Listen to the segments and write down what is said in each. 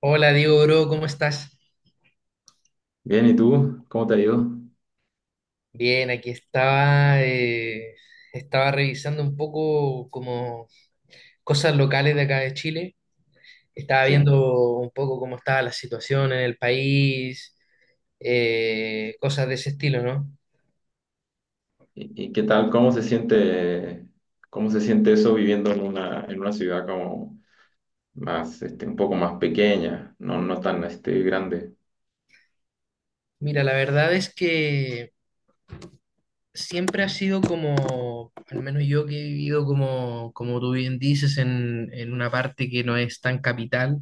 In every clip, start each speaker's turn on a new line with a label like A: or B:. A: Hola Diego, bro, ¿cómo estás?
B: Bien, ¿y tú? ¿Cómo te ha ido?
A: Bien, aquí estaba revisando un poco como cosas locales de acá de Chile. Estaba
B: Sí.
A: viendo un poco cómo estaba la situación en el país, cosas de ese estilo, ¿no?
B: ¿Y qué tal? Cómo se siente eso viviendo en una ciudad como más, un poco más pequeña, no, no tan, grande?
A: Mira, la verdad es que siempre ha sido como, al menos yo que he vivido como tú bien dices, en una parte que no es tan capital.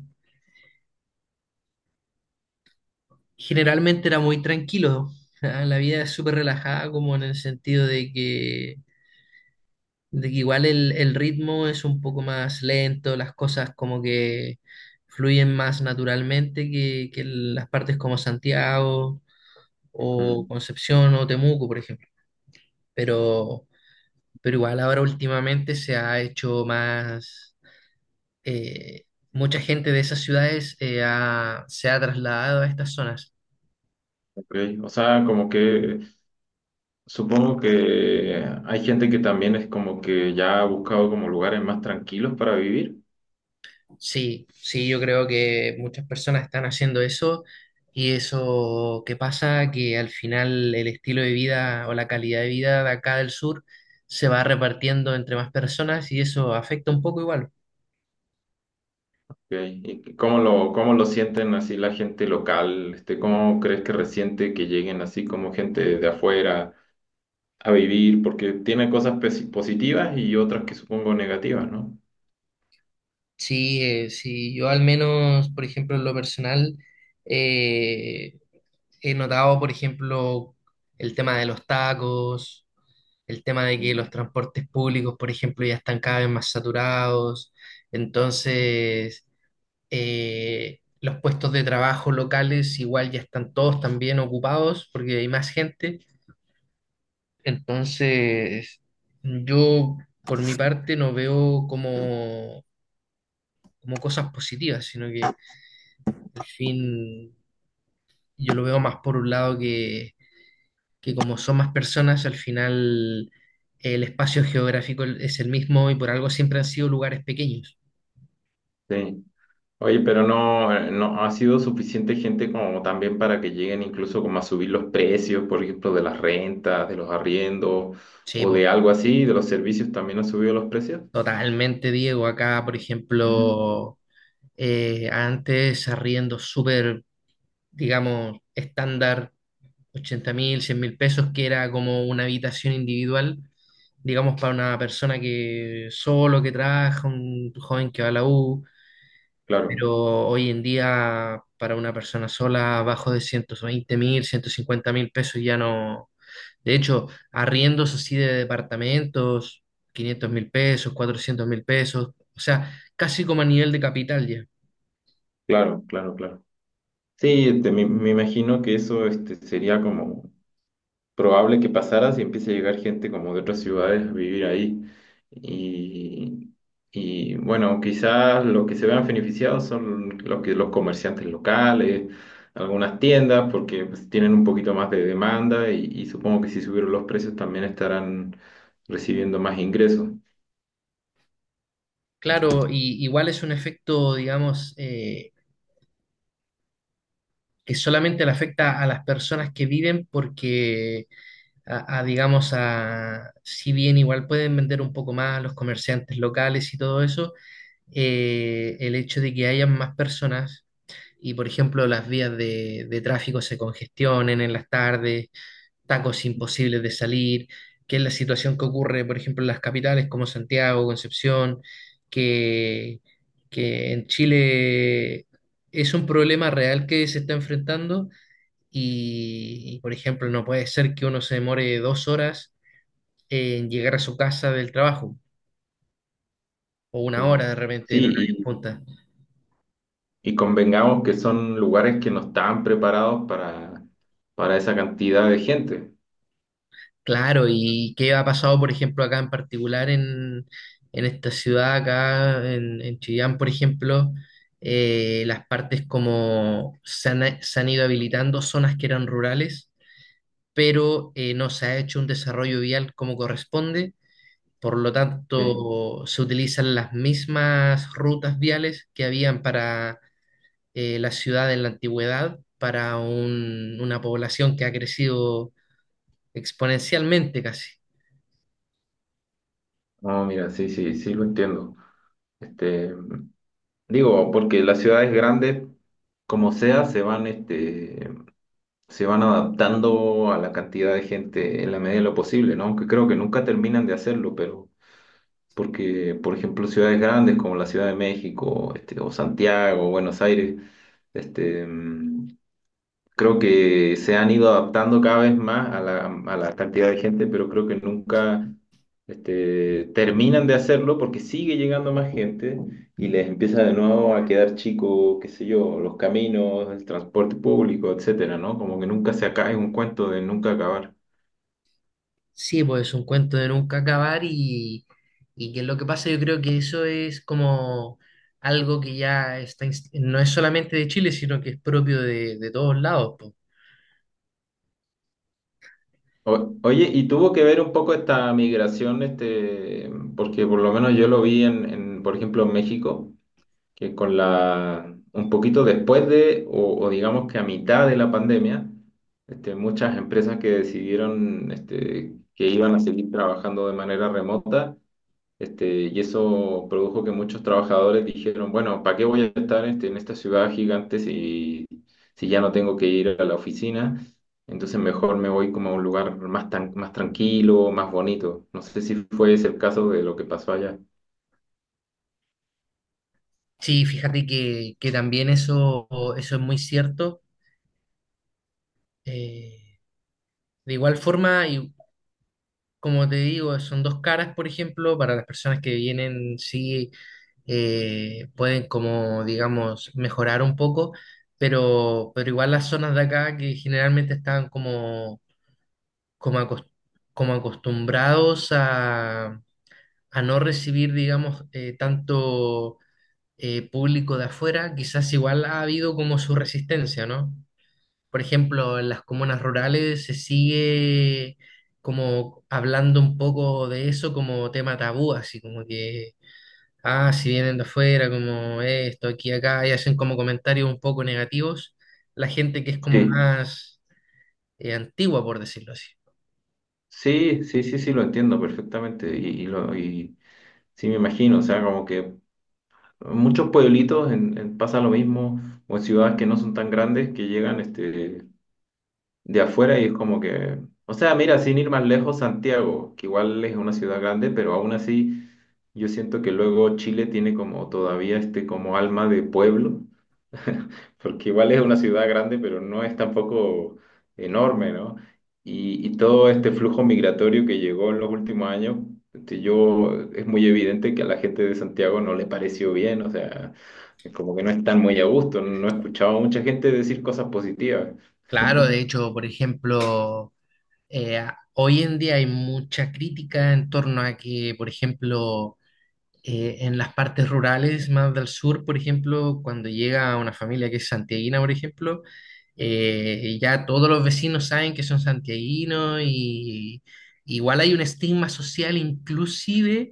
A: Generalmente era muy tranquilo. ¿Ah? La vida es súper relajada, como en el sentido de que igual el ritmo es un poco más lento, las cosas como que fluyen más naturalmente que en las partes como Santiago o
B: Mm.
A: Concepción o Temuco, por ejemplo. Pero, pero igual ahora últimamente se ha hecho más. eh, Mucha gente de esas ciudades se ha trasladado a estas zonas.
B: ok. O sea, como que supongo que hay gente que también es como que ya ha buscado como lugares más tranquilos para vivir.
A: Sí, sí, yo creo que muchas personas están haciendo eso, y eso que pasa que al final el estilo de vida o la calidad de vida de acá del sur se va repartiendo entre más personas y eso afecta un poco igual.
B: Ok. ¿Y cómo lo sienten así la gente local? ¿Cómo crees que resiente que lleguen así como gente de afuera a vivir, porque tiene cosas positivas y otras que supongo negativas, ¿no?
A: Sí, sí, yo al menos, por ejemplo, en lo personal, eh, he notado, por ejemplo, el tema de los tacos, el tema de que
B: Mm.
A: los transportes públicos, por ejemplo, ya están cada vez más saturados. Entonces los puestos de trabajo locales igual ya están todos también ocupados porque hay más gente. Entonces, yo por mi parte no veo como cosas positivas, sino que al fin yo lo veo más por un lado que, como son más personas, al final el espacio geográfico es el mismo y por algo siempre han sido lugares pequeños.
B: Sí. Oye, pero no, no ha sido suficiente gente como también para que lleguen incluso como a subir los precios, por ejemplo, de las rentas, de los arriendos
A: Sí,
B: o de
A: po,
B: algo así, de los servicios también han subido los precios.
A: totalmente, Diego. Acá, por
B: Mm.
A: ejemplo, antes arriendos súper, digamos, estándar, 80.000, 100.000 pesos, que era como una habitación individual, digamos, para una persona que solo, que trabaja, un joven que va a la U,
B: Claro,
A: pero hoy en día para una persona sola, abajo de 120.000, 150.000 pesos ya no. De hecho, arriendos así de departamentos, 500.000 pesos, 400.000 pesos, o sea, casi como a nivel de capital ya.
B: claro, claro, claro. Sí, me, me imagino que eso sería como probable que pasara si empieza a llegar gente como de otras ciudades a vivir ahí. Y, y, bueno, quizás lo que se vean beneficiados son los que, los comerciantes locales, algunas tiendas, porque pues, tienen un poquito más de demanda y supongo que si subieron los precios también estarán recibiendo más ingresos.
A: Claro, y igual es un efecto, digamos, que solamente le afecta a las personas que viven porque, digamos, si bien igual pueden vender un poco más los comerciantes locales y todo eso, el hecho de que hayan más personas y, por ejemplo, las vías de tráfico se congestionen en las tardes, tacos imposibles de salir, que es la situación que ocurre, por ejemplo, en las capitales como Santiago, Concepción, que, que, en Chile es un problema real que se está enfrentando y, por ejemplo, no puede ser que uno se demore 2 horas en llegar a su casa del trabajo o 1 hora
B: Sí.
A: de repente
B: Sí,
A: en horario punta.
B: y convengamos que son lugares que no estaban preparados para esa cantidad de gente.
A: Claro, ¿y qué ha pasado, por ejemplo, acá en particular en, esta ciudad, acá en Chillán, por ejemplo? Las partes como se han ido habilitando zonas que eran rurales, pero no se ha hecho un desarrollo vial como corresponde, por lo
B: Sí.
A: tanto se utilizan las mismas rutas viales que habían para la ciudad en la antigüedad, para una población que ha crecido exponencialmente casi.
B: No, mira, sí, sí, sí lo entiendo. Este, digo, porque las ciudades grandes, como sea, se van, se van adaptando a la cantidad de gente en la medida de lo posible, ¿no? Aunque creo que nunca terminan de hacerlo, pero porque, por ejemplo, ciudades grandes como la Ciudad de México, o Santiago, Buenos Aires, este, creo que se han ido adaptando cada vez más a la cantidad de gente, pero creo que nunca terminan de hacerlo porque sigue llegando más gente y les empieza de nuevo a quedar chico, qué sé yo, los caminos, el transporte público, etcétera, ¿no? Como que nunca se acaba, es un cuento de nunca acabar.
A: Sí, pues es un cuento de nunca acabar y, que lo que pasa yo creo que eso es como algo que ya está, no es solamente de Chile, sino que es propio de todos lados, po.
B: O- oye, y tuvo que ver un poco esta migración, porque por lo menos yo lo vi en, por ejemplo, en México, que con la, un poquito después de, o digamos que a mitad de la pandemia, muchas empresas que decidieron que iban a seguir trabajando de manera remota, y eso produjo que muchos trabajadores dijeron, bueno, ¿para qué voy a estar en esta ciudad gigante si, si ya no tengo que ir a la oficina? Entonces mejor me voy como a un lugar más, tan, más tranquilo, más bonito. No sé si fue ese el caso de lo que pasó allá.
A: Sí, fíjate que también eso es muy cierto. Eh, de igual forma, y como te digo, son dos caras, por ejemplo, para las personas que vienen, sí, pueden como, digamos, mejorar un poco, pero, igual las zonas de acá que generalmente están como, acos- como acostumbrados a no recibir, digamos, tanto público de afuera, quizás igual ha habido como su resistencia, ¿no? Por ejemplo, en las comunas rurales se sigue como hablando un poco de eso como tema tabú, así como que, ah, si vienen de afuera, como esto, aquí, acá, y hacen como comentarios un poco negativos, la gente que es como
B: Sí.
A: más antigua, por decirlo así.
B: Sí, sí, sí, sí, lo entiendo perfectamente y lo, y sí me imagino, o sea, como que en muchos pueblitos en pasa lo mismo o en ciudades que no son tan grandes que llegan de afuera y es como que, o sea, mira, sin ir más lejos, Santiago, que igual es una ciudad grande, pero aún así yo siento que luego Chile tiene como todavía este como alma de pueblo porque igual es una ciudad grande, pero no es tampoco enorme, ¿no? Y todo este flujo migratorio que llegó en los últimos años, es muy evidente que a la gente de Santiago no le pareció bien, o sea, como que no están muy a gusto, no he escuchado a mucha gente decir cosas positivas.
A: Claro, de hecho, por ejemplo, hoy en día hay mucha crítica en torno a que, por ejemplo, en las partes rurales más del sur, por ejemplo, cuando llega una familia que es santiaguina, por ejemplo, ya todos los vecinos saben que son santiaguinos y igual hay un estigma social inclusive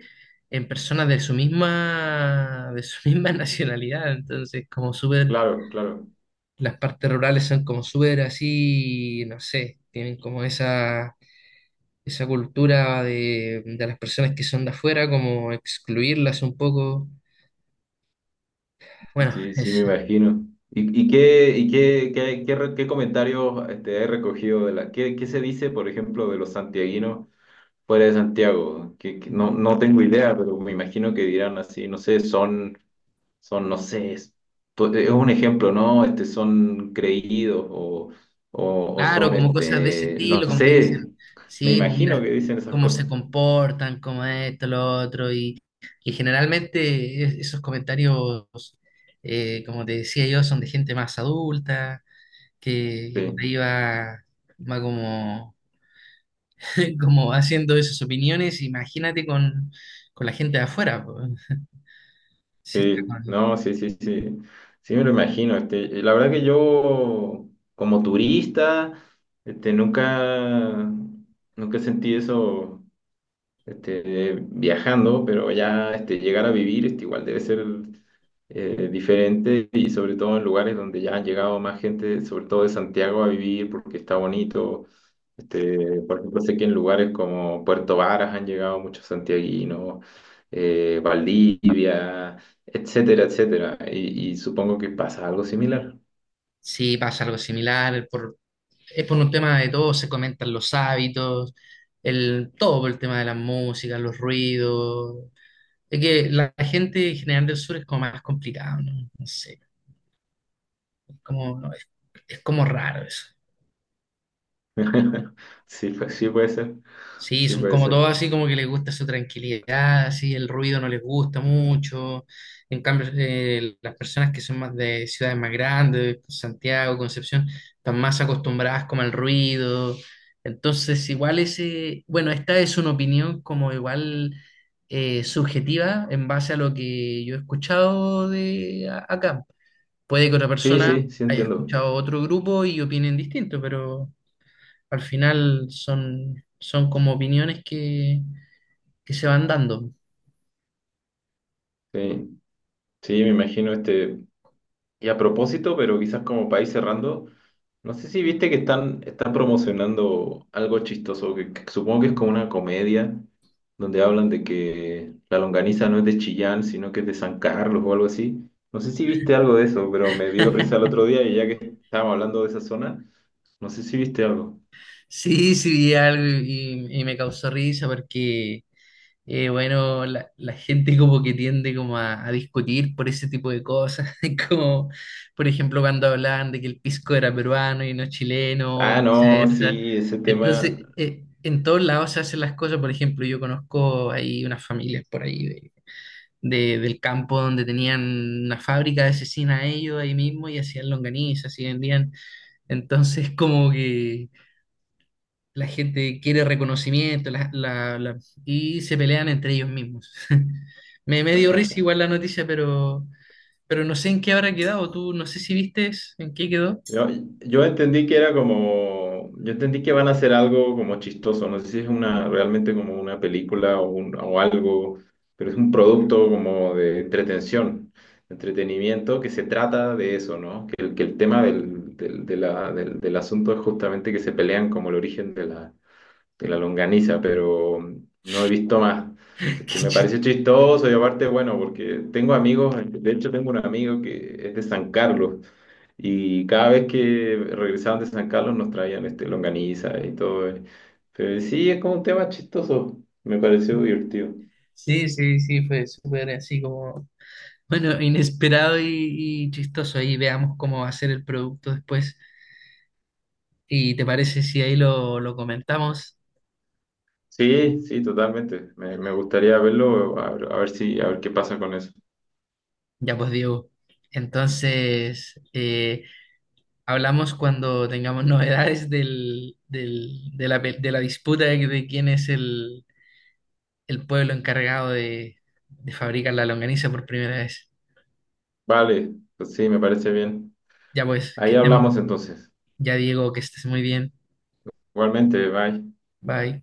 A: en personas de su misma, de su misma nacionalidad. Entonces, como súper,
B: Claro, claro,
A: las partes rurales son como súper así, no sé, tienen como esa, cultura de las personas que son de afuera, como excluirlas un poco. Bueno,
B: sí, sí, me
A: es
B: imagino. Y qué, qué, qué, qué comentarios he recogido de la, qué, qué se dice, por ejemplo, de los santiaguinos fuera de Santiago, que no, no tengo idea, pero me imagino que dirán así, no sé, son, son, no sé, es, es un ejemplo, ¿no? Son creídos o
A: claro,
B: son,
A: como cosas de ese
B: no
A: estilo, como que
B: sé,
A: dicen,
B: me
A: sí, pues
B: imagino
A: mira
B: que dicen esas
A: cómo se
B: cosas.
A: comportan, cómo esto, lo otro, y, generalmente esos comentarios, como te decía yo, son de gente más adulta, que, por
B: Sí,
A: ahí va, va como como haciendo esas opiniones, imagínate con la gente de afuera, po. Si está
B: sí,
A: con-
B: no, sí, sí, sí, sí me lo imagino, y la verdad que yo, como turista, nunca, nunca sentí eso viajando, pero ya llegar a vivir igual debe ser diferente y sobre todo en lugares donde ya han llegado más gente, sobre todo de Santiago, a vivir porque está bonito. Por ejemplo, sé que en lugares como Puerto Varas han llegado muchos santiaguinos, Valdivia, etcétera, etcétera. Y supongo que pasa algo similar.
A: si pasa algo similar, es por un tema de todo, se comentan los hábitos, todo por el tema de la música, los ruidos. Es que la gente en general del sur es como más complicado, ¿no? No sé, como, no, es como raro eso.
B: Sí, pues, sí puede ser,
A: Sí,
B: sí
A: son
B: puede
A: como
B: ser.
A: todos así, como que les gusta su tranquilidad, así, el ruido no les gusta mucho. En cambio, las personas que son más de ciudades más grandes, Santiago, Concepción, están más acostumbradas como al ruido. Entonces, igual ese, bueno, esta es una opinión como igual subjetiva en base a lo que yo he escuchado de acá. Puede que otra, sí,
B: Sí,
A: persona
B: sí, sí
A: haya
B: entiendo.
A: escuchado otro grupo y opinen distinto, pero al final son, como opiniones que se van dando.
B: Sí, sí, me imagino este. Y a propósito, pero quizás como país cerrando, no sé si viste que están, están promocionando algo chistoso, que supongo que es como una comedia, donde hablan de que la longaniza no es de Chillán, sino que es de San Carlos o algo así. No sé si viste algo de eso, pero me dio risa el otro día y ya que estábamos hablando de esa zona, no sé si viste algo.
A: Sí, sí, vi algo y, me causó risa porque, bueno, la, gente como que tiende como a discutir por ese tipo de cosas, como, por ejemplo, cuando hablaban de que el pisco era peruano y no chileno, o
B: Ah, no,
A: viceversa.
B: sí, ese tema.
A: Entonces, en todos lados se hacen las cosas, por ejemplo, yo conozco ahí unas familias por ahí del campo donde tenían una fábrica de cecina ellos ahí mismo y hacían longanizas y vendían. Entonces, como que la gente quiere reconocimiento, y se pelean entre ellos mismos. Me dio risa igual la noticia, pero, no sé en qué habrá quedado. Tú no sé si viste en qué quedó.
B: Yo, yo entendí que era como, yo entendí que van a hacer algo como chistoso, no sé si es una, realmente como una película o, o algo, pero es un producto como de entretención, entretenimiento que se trata de eso, ¿no? Que, que el tema del, del, de del, del asunto es justamente que se pelean como el origen de la longaniza, pero no he visto más.
A: Qué
B: Me
A: chis-
B: parece chistoso y aparte, bueno, porque tengo amigos, de hecho tengo un amigo que es de San Carlos. Y cada vez que regresaban de San Carlos nos traían longaniza y todo. Pero sí, es como un tema chistoso. Me pareció divertido.
A: Sí, sí, sí, fue súper así como, bueno, inesperado y, chistoso. Ahí veamos cómo va a ser el producto después. ¿Y te parece si ahí lo comentamos?
B: Sí, sí, totalmente. Me gustaría verlo, a ver si, a ver qué pasa con eso.
A: Ya pues, Diego. Entonces, hablamos cuando tengamos novedades de la disputa de, quién es el, pueblo encargado de fabricar la longaniza por primera vez.
B: Vale, pues sí, me parece bien.
A: Ya pues, que
B: Ahí hablamos
A: estén-
B: entonces.
A: ya, Diego, que estés muy bien.
B: Igualmente, bye.
A: Bye.